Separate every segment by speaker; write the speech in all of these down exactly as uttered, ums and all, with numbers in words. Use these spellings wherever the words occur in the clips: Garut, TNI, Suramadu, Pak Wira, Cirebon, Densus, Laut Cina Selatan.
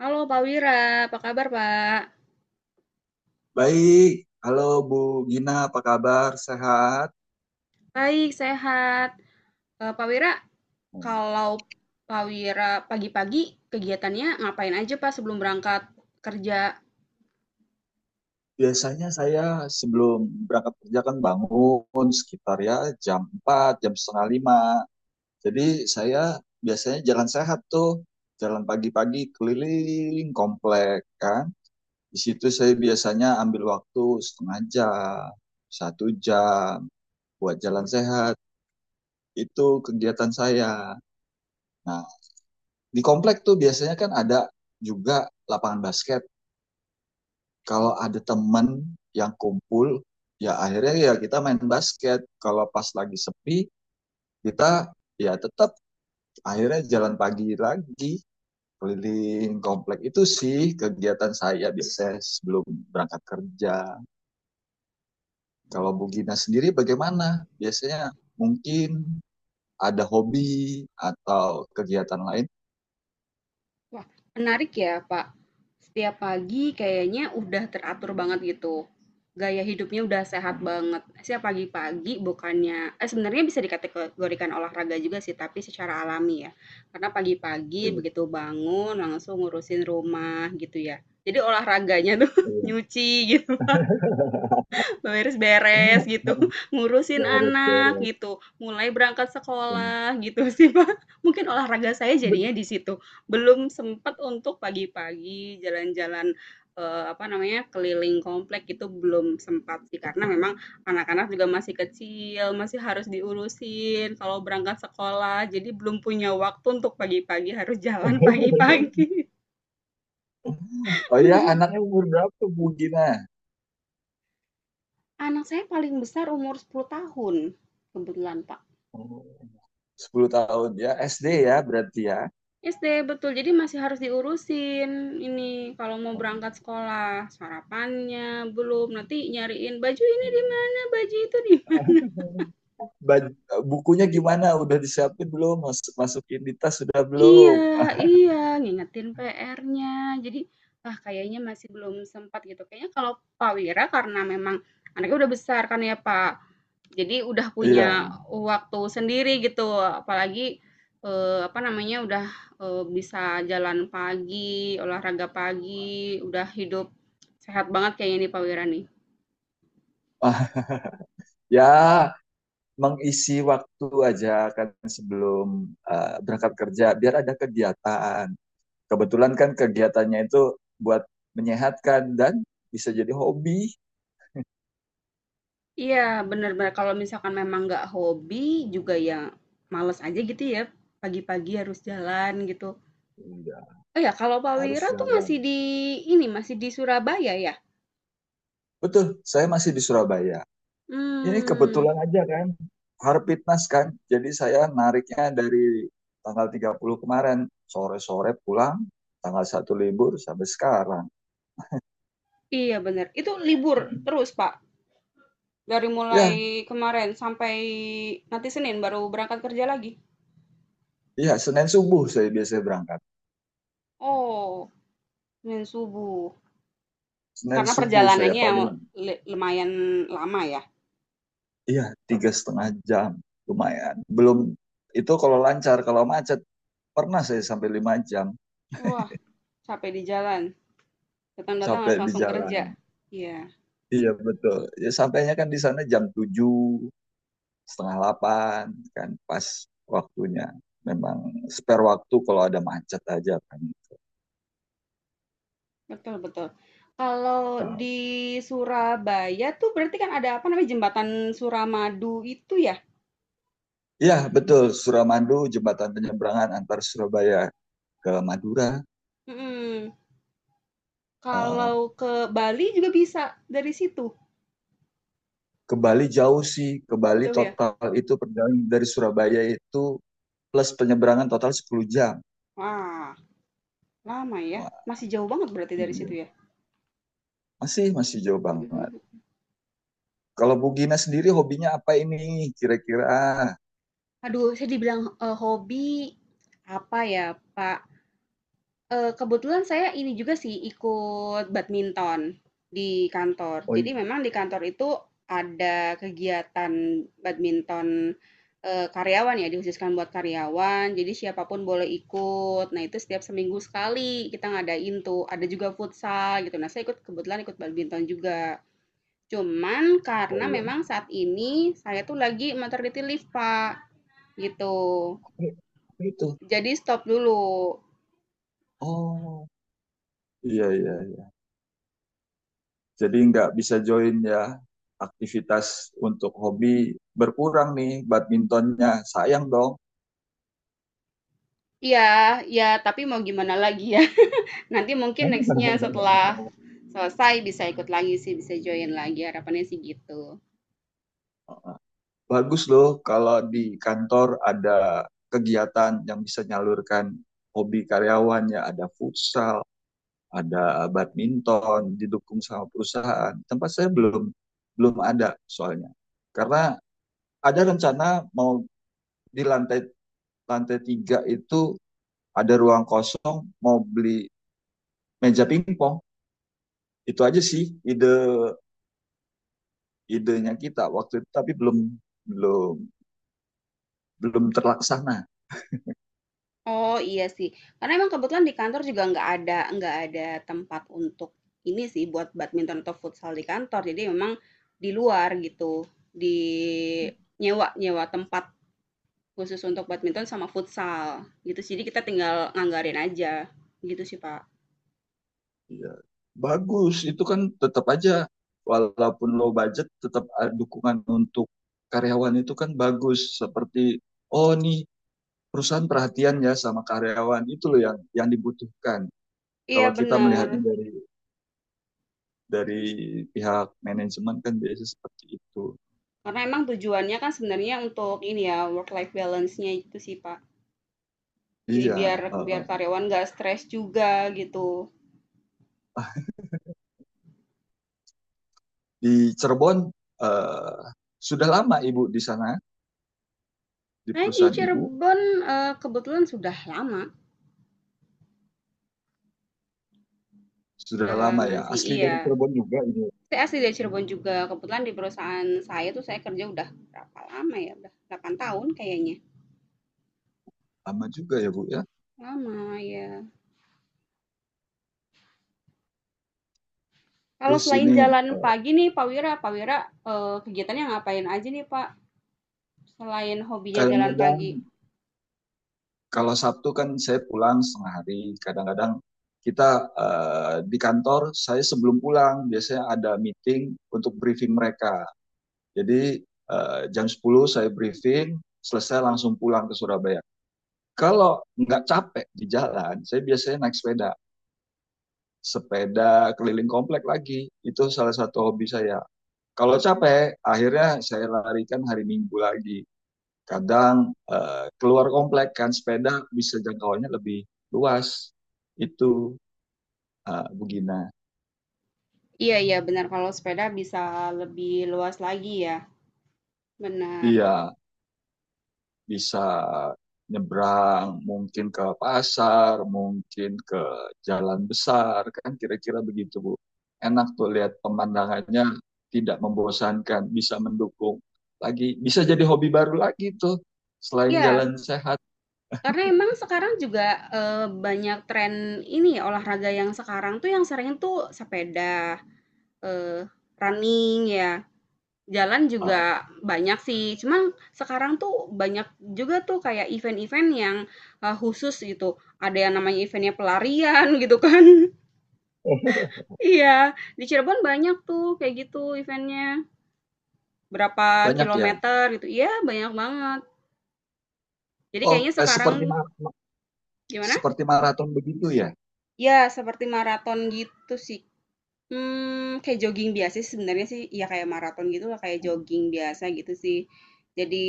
Speaker 1: Halo Pak Wira, apa kabar Pak?
Speaker 2: Baik, halo Bu Gina, apa kabar? Sehat?
Speaker 1: Baik, sehat. Eh, Pak Wira, kalau Pak Wira pagi-pagi kegiatannya ngapain aja Pak sebelum berangkat kerja?
Speaker 2: Biasanya saya sebelum berangkat kerja kan bangun sekitar ya jam empat, jam setengah lima. Jadi saya biasanya jalan sehat tuh, jalan pagi-pagi keliling komplek kan. Di situ saya biasanya ambil waktu setengah jam, satu jam buat jalan sehat. Itu kegiatan saya. Nah, di komplek tuh biasanya kan ada juga lapangan basket kalau ada teman yang kumpul ya akhirnya ya kita main basket kalau pas lagi sepi kita ya tetap akhirnya jalan pagi lagi keliling komplek itu sih kegiatan saya biasanya sebelum berangkat kerja. Kalau Bu Gina sendiri bagaimana, biasanya mungkin ada hobi atau kegiatan lain?
Speaker 1: Wah, menarik ya, Pak. Setiap pagi kayaknya udah teratur banget gitu. Gaya hidupnya udah sehat
Speaker 2: Hmm,
Speaker 1: banget. Setiap pagi-pagi bukannya, eh sebenarnya bisa dikategorikan olahraga juga sih, tapi secara alami ya. Karena pagi-pagi
Speaker 2: iya,
Speaker 1: begitu bangun langsung ngurusin rumah gitu ya. Jadi olahraganya tuh
Speaker 2: iya.
Speaker 1: nyuci gitu. Beberes-beres gitu, ngurusin
Speaker 2: Deret,
Speaker 1: anak
Speaker 2: deret.
Speaker 1: gitu, mulai berangkat sekolah gitu sih, Pak. Mungkin olahraga saya jadinya di situ. Belum sempat untuk pagi-pagi jalan-jalan, eee, apa namanya, keliling komplek itu belum sempat sih, karena memang anak-anak juga masih kecil, masih harus diurusin kalau berangkat sekolah, jadi belum punya waktu untuk pagi-pagi harus jalan pagi-pagi.
Speaker 2: Oh ya, anaknya umur berapa Bu Gina?
Speaker 1: Anak saya paling besar umur sepuluh tahun kebetulan, Pak.
Speaker 2: Oh, sepuluh tahun ya, S D ya berarti ya.
Speaker 1: S D, betul. Jadi masih harus diurusin ini kalau mau
Speaker 2: Oh,
Speaker 1: berangkat sekolah, sarapannya belum, nanti nyariin baju ini di
Speaker 2: iya.
Speaker 1: mana, baju itu di mana.
Speaker 2: Baj- Bukunya gimana? Udah disiapin belum? Mas- masukin di tas sudah
Speaker 1: Iya,
Speaker 2: belum? Ah,
Speaker 1: iya, ngingetin P R-nya. Jadi, ah, kayaknya masih belum sempat gitu. Kayaknya kalau Pak Wira karena memang anaknya udah besar kan ya, Pak. Jadi udah punya
Speaker 2: iya.
Speaker 1: waktu sendiri gitu, apalagi, eee, apa namanya, udah, eee, bisa jalan pagi, olahraga pagi, udah hidup sehat banget kayaknya nih Pak Wira nih.
Speaker 2: Ah, ya, mengisi waktu aja kan sebelum eh, berangkat kerja biar ada kegiatan. Kebetulan kan kegiatannya itu buat menyehatkan dan bisa jadi hobi.
Speaker 1: Iya, bener bener, kalau misalkan memang nggak hobi juga ya males aja gitu ya, pagi-pagi harus jalan gitu.
Speaker 2: Iya,
Speaker 1: Oh ya, kalau Pak Wira
Speaker 2: harus
Speaker 1: tuh masih
Speaker 2: jalan.
Speaker 1: di ini, masih di Surabaya ya?
Speaker 2: Betul, saya masih di Surabaya. Ini
Speaker 1: Hmm.
Speaker 2: kebetulan aja kan, Harpitnas kan. Jadi saya nariknya dari tanggal tiga puluh kemarin, sore-sore pulang, tanggal satu libur sampai sekarang.
Speaker 1: Iya bener. Itu libur terus, Pak? Dari mulai
Speaker 2: Ya,
Speaker 1: kemarin sampai nanti Senin baru berangkat kerja lagi.
Speaker 2: iya Senin subuh saya biasanya berangkat.
Speaker 1: Oh, Senin subuh.
Speaker 2: Senin
Speaker 1: Karena
Speaker 2: subuh saya
Speaker 1: perjalanannya
Speaker 2: paling,
Speaker 1: le- lumayan lama ya.
Speaker 2: iya tiga setengah jam, lumayan. Belum, itu kalau lancar, kalau macet pernah saya sampai lima jam
Speaker 1: Wah, capek di jalan. Datang-datang
Speaker 2: sampai
Speaker 1: harus
Speaker 2: di
Speaker 1: langsung kerja.
Speaker 2: jalan.
Speaker 1: Iya,
Speaker 2: Iya betul. Ya sampainya kan di sana jam tujuh, setengah delapan, kan pas waktunya memang spare waktu kalau ada macet aja kan.
Speaker 1: betul betul. Kalau
Speaker 2: uh,
Speaker 1: di Surabaya tuh berarti kan ada apa namanya jembatan Suramadu itu ya?
Speaker 2: Ya betul, Suramadu jembatan penyeberangan antar Surabaya ke Madura.
Speaker 1: Mm-mm.
Speaker 2: uh,
Speaker 1: Kalau ke Bali juga bisa dari situ.
Speaker 2: ke Bali jauh sih, ke Bali
Speaker 1: Jauh ya?
Speaker 2: total itu perjalanan dari Surabaya itu plus penyeberangan total sepuluh jam.
Speaker 1: Wah, lama ya.
Speaker 2: Wah,
Speaker 1: Masih jauh banget berarti dari situ
Speaker 2: iya,
Speaker 1: ya.
Speaker 2: masih masih jauh banget.
Speaker 1: Mm-mm.
Speaker 2: Kalau Bu Gina sendiri hobinya apa ini kira-kira?
Speaker 1: Aduh, saya dibilang, eee, hobi, apa ya, Pak, eee, kebetulan saya ini juga sih, ikut badminton di kantor.
Speaker 2: Oh
Speaker 1: Jadi
Speaker 2: iya,
Speaker 1: memang di kantor itu ada kegiatan badminton, eee, karyawan ya, dihususkan buat karyawan, jadi siapapun boleh ikut. Nah, itu setiap seminggu sekali kita ngadain tuh, ada juga futsal gitu. Nah, saya ikut kebetulan ikut badminton juga. Cuman
Speaker 2: oh
Speaker 1: karena
Speaker 2: iya
Speaker 1: memang saat ini saya tuh lagi maternity leave, Pak, gitu.
Speaker 2: itu,
Speaker 1: Jadi stop dulu.
Speaker 2: oh iya iya iya. Jadi nggak bisa join ya aktivitas, untuk hobi berkurang nih badmintonnya, sayang dong.
Speaker 1: Iya, iya, tapi mau gimana lagi ya. Nanti mungkin nextnya setelah selesai bisa ikut lagi sih, bisa join lagi. Harapannya sih gitu.
Speaker 2: Bagus loh kalau di kantor ada kegiatan yang bisa nyalurkan hobi karyawannya, ada futsal ada badminton didukung sama perusahaan. Tempat saya belum belum ada soalnya, karena ada rencana mau di lantai lantai tiga itu ada ruang kosong mau beli meja pingpong. Itu aja sih ide idenya kita waktu itu, tapi belum belum belum terlaksana.
Speaker 1: Oh iya sih, karena emang kebetulan di kantor juga nggak ada nggak ada tempat untuk ini sih buat badminton atau futsal di kantor. Jadi memang di luar gitu, di nyewa nyewa tempat khusus untuk badminton sama futsal gitu. Jadi kita tinggal nganggarin aja gitu sih Pak.
Speaker 2: Ya, bagus itu kan tetap aja walaupun low budget, tetap eh, dukungan untuk karyawan itu kan bagus. Seperti, oh nih perusahaan perhatian ya sama karyawan, itu loh yang yang dibutuhkan kalau
Speaker 1: Iya
Speaker 2: kita
Speaker 1: bener.
Speaker 2: melihatnya dari dari pihak manajemen kan biasanya seperti itu.
Speaker 1: Karena emang tujuannya kan sebenarnya untuk ini ya, work life balance-nya itu sih, Pak. Jadi
Speaker 2: Iya.
Speaker 1: biar biar
Speaker 2: uh,
Speaker 1: karyawan nggak stres juga gitu.
Speaker 2: di Cirebon eh, sudah lama ibu di sana, di
Speaker 1: Saya di
Speaker 2: perusahaan ibu?
Speaker 1: Cirebon eh, kebetulan sudah lama,
Speaker 2: Sudah
Speaker 1: sudah
Speaker 2: lama ya,
Speaker 1: lama sih,
Speaker 2: asli dari
Speaker 1: iya.
Speaker 2: Cirebon juga ini?
Speaker 1: Saya asli dari Cirebon juga. Kebetulan di perusahaan saya tuh saya kerja udah berapa lama ya? Udah delapan tahun kayaknya.
Speaker 2: Lama juga ya bu ya.
Speaker 1: Lama ya. Kalau
Speaker 2: Terus
Speaker 1: selain
Speaker 2: ini
Speaker 1: jalan
Speaker 2: eh,
Speaker 1: pagi nih, Pak Wira, Pak Wira eh, kegiatannya ngapain aja nih, Pak? Selain hobinya jalan
Speaker 2: kadang-kadang
Speaker 1: pagi.
Speaker 2: kalau Sabtu kan saya pulang setengah hari. Kadang-kadang kita eh, di kantor saya sebelum pulang biasanya ada meeting untuk briefing mereka. Jadi eh, jam sepuluh saya briefing, selesai langsung pulang ke Surabaya. Kalau nggak capek di jalan, saya biasanya naik sepeda, sepeda keliling komplek lagi. Itu salah satu hobi saya. Kalau capek, akhirnya saya larikan hari Minggu lagi. Kadang eh, keluar komplek kan sepeda bisa jangkauannya lebih luas. Itu eh, Bugina.
Speaker 1: Iya iya benar kalau sepeda bisa lebih luas lagi ya, benar.
Speaker 2: Iya, bisa nyebrang, mungkin ke pasar, mungkin ke jalan besar, kan kira-kira begitu Bu. Enak tuh lihat pemandangannya, tidak membosankan, bisa mendukung. Lagi bisa jadi hobi baru lagi tuh selain
Speaker 1: Iya,
Speaker 2: jalan sehat.
Speaker 1: karena emang sekarang juga, eee, banyak tren ini ya olahraga yang sekarang tuh yang sering tuh sepeda, eee, running ya, jalan juga
Speaker 2: Ah,
Speaker 1: banyak sih, cuman sekarang tuh banyak juga tuh kayak event-event yang, eee, khusus gitu, ada yang namanya eventnya pelarian gitu kan. Iya, di Cirebon banyak tuh kayak gitu eventnya berapa
Speaker 2: banyak ya.
Speaker 1: kilometer gitu, iya banyak banget. Jadi kayaknya
Speaker 2: Oh, eh,
Speaker 1: sekarang
Speaker 2: seperti ma-
Speaker 1: gimana?
Speaker 2: seperti maraton begitu ya.
Speaker 1: Ya seperti maraton gitu sih. Mmm, kayak jogging biasa sih sebenarnya sih, ya kayak maraton gitu lah, kayak
Speaker 2: Hmm,
Speaker 1: jogging biasa gitu sih. Jadi,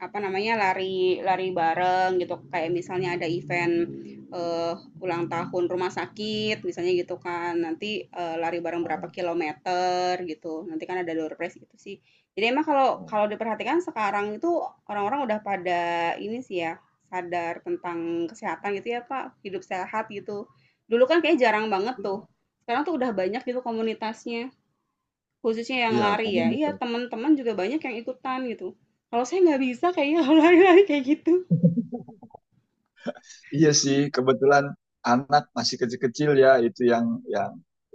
Speaker 1: apa namanya, lari lari bareng gitu, kayak misalnya ada event,
Speaker 2: hmm,
Speaker 1: eee, ulang tahun rumah sakit misalnya gitu kan, nanti, eee, lari bareng
Speaker 2: hmm,
Speaker 1: berapa kilometer gitu, nanti kan ada door prize gitu sih. Jadi emang kalau
Speaker 2: hmm.
Speaker 1: kalau diperhatikan sekarang itu orang-orang udah pada ini sih ya, sadar tentang kesehatan gitu ya, Pak. Hidup sehat gitu. Dulu kan kayak jarang banget tuh. Sekarang tuh udah banyak gitu komunitasnya, khususnya yang
Speaker 2: Iya,
Speaker 1: lari ya. Iya,
Speaker 2: komunitas.
Speaker 1: teman-teman juga banyak yang ikutan gitu. Kalau saya nggak bisa kayaknya kalau lari-lari kayak gitu.
Speaker 2: Iya sih, kebetulan anak masih kecil-kecil ya, itu yang yang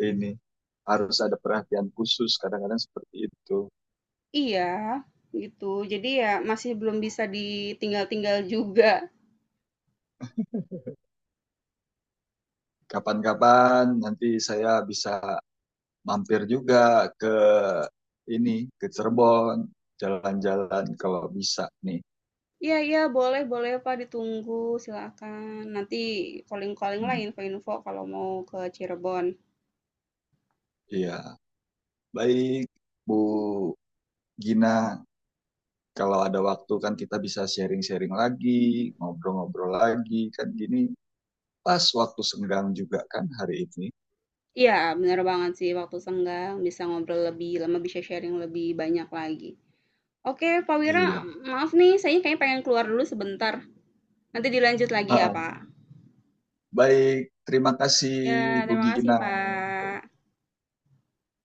Speaker 2: ini harus ada perhatian khusus kadang-kadang seperti itu.
Speaker 1: Iya, gitu. Jadi ya masih belum bisa ditinggal-tinggal juga.
Speaker 2: Kapan-kapan nanti saya bisa mampir juga ke ini ke Cirebon, jalan-jalan kalau bisa nih.
Speaker 1: Iya, iya, boleh, boleh Pak, ditunggu, silakan. Nanti calling-calling lah
Speaker 2: Hmm,
Speaker 1: info-info kalau mau ke Cirebon.
Speaker 2: iya, baik Bu Gina, kalau ada waktu kan kita bisa sharing-sharing lagi, ngobrol-ngobrol lagi kan gini pas waktu senggang juga kan hari ini.
Speaker 1: Iya, bener banget sih, waktu senggang bisa ngobrol lebih lama, bisa sharing lebih banyak lagi. Oke, Pak Wira,
Speaker 2: Iya,
Speaker 1: maaf nih, saya kayaknya pengen keluar dulu sebentar. Nanti dilanjut lagi ya, Pak.
Speaker 2: baik, terima kasih
Speaker 1: Ya,
Speaker 2: bu
Speaker 1: terima kasih,
Speaker 2: gina.
Speaker 1: Pak.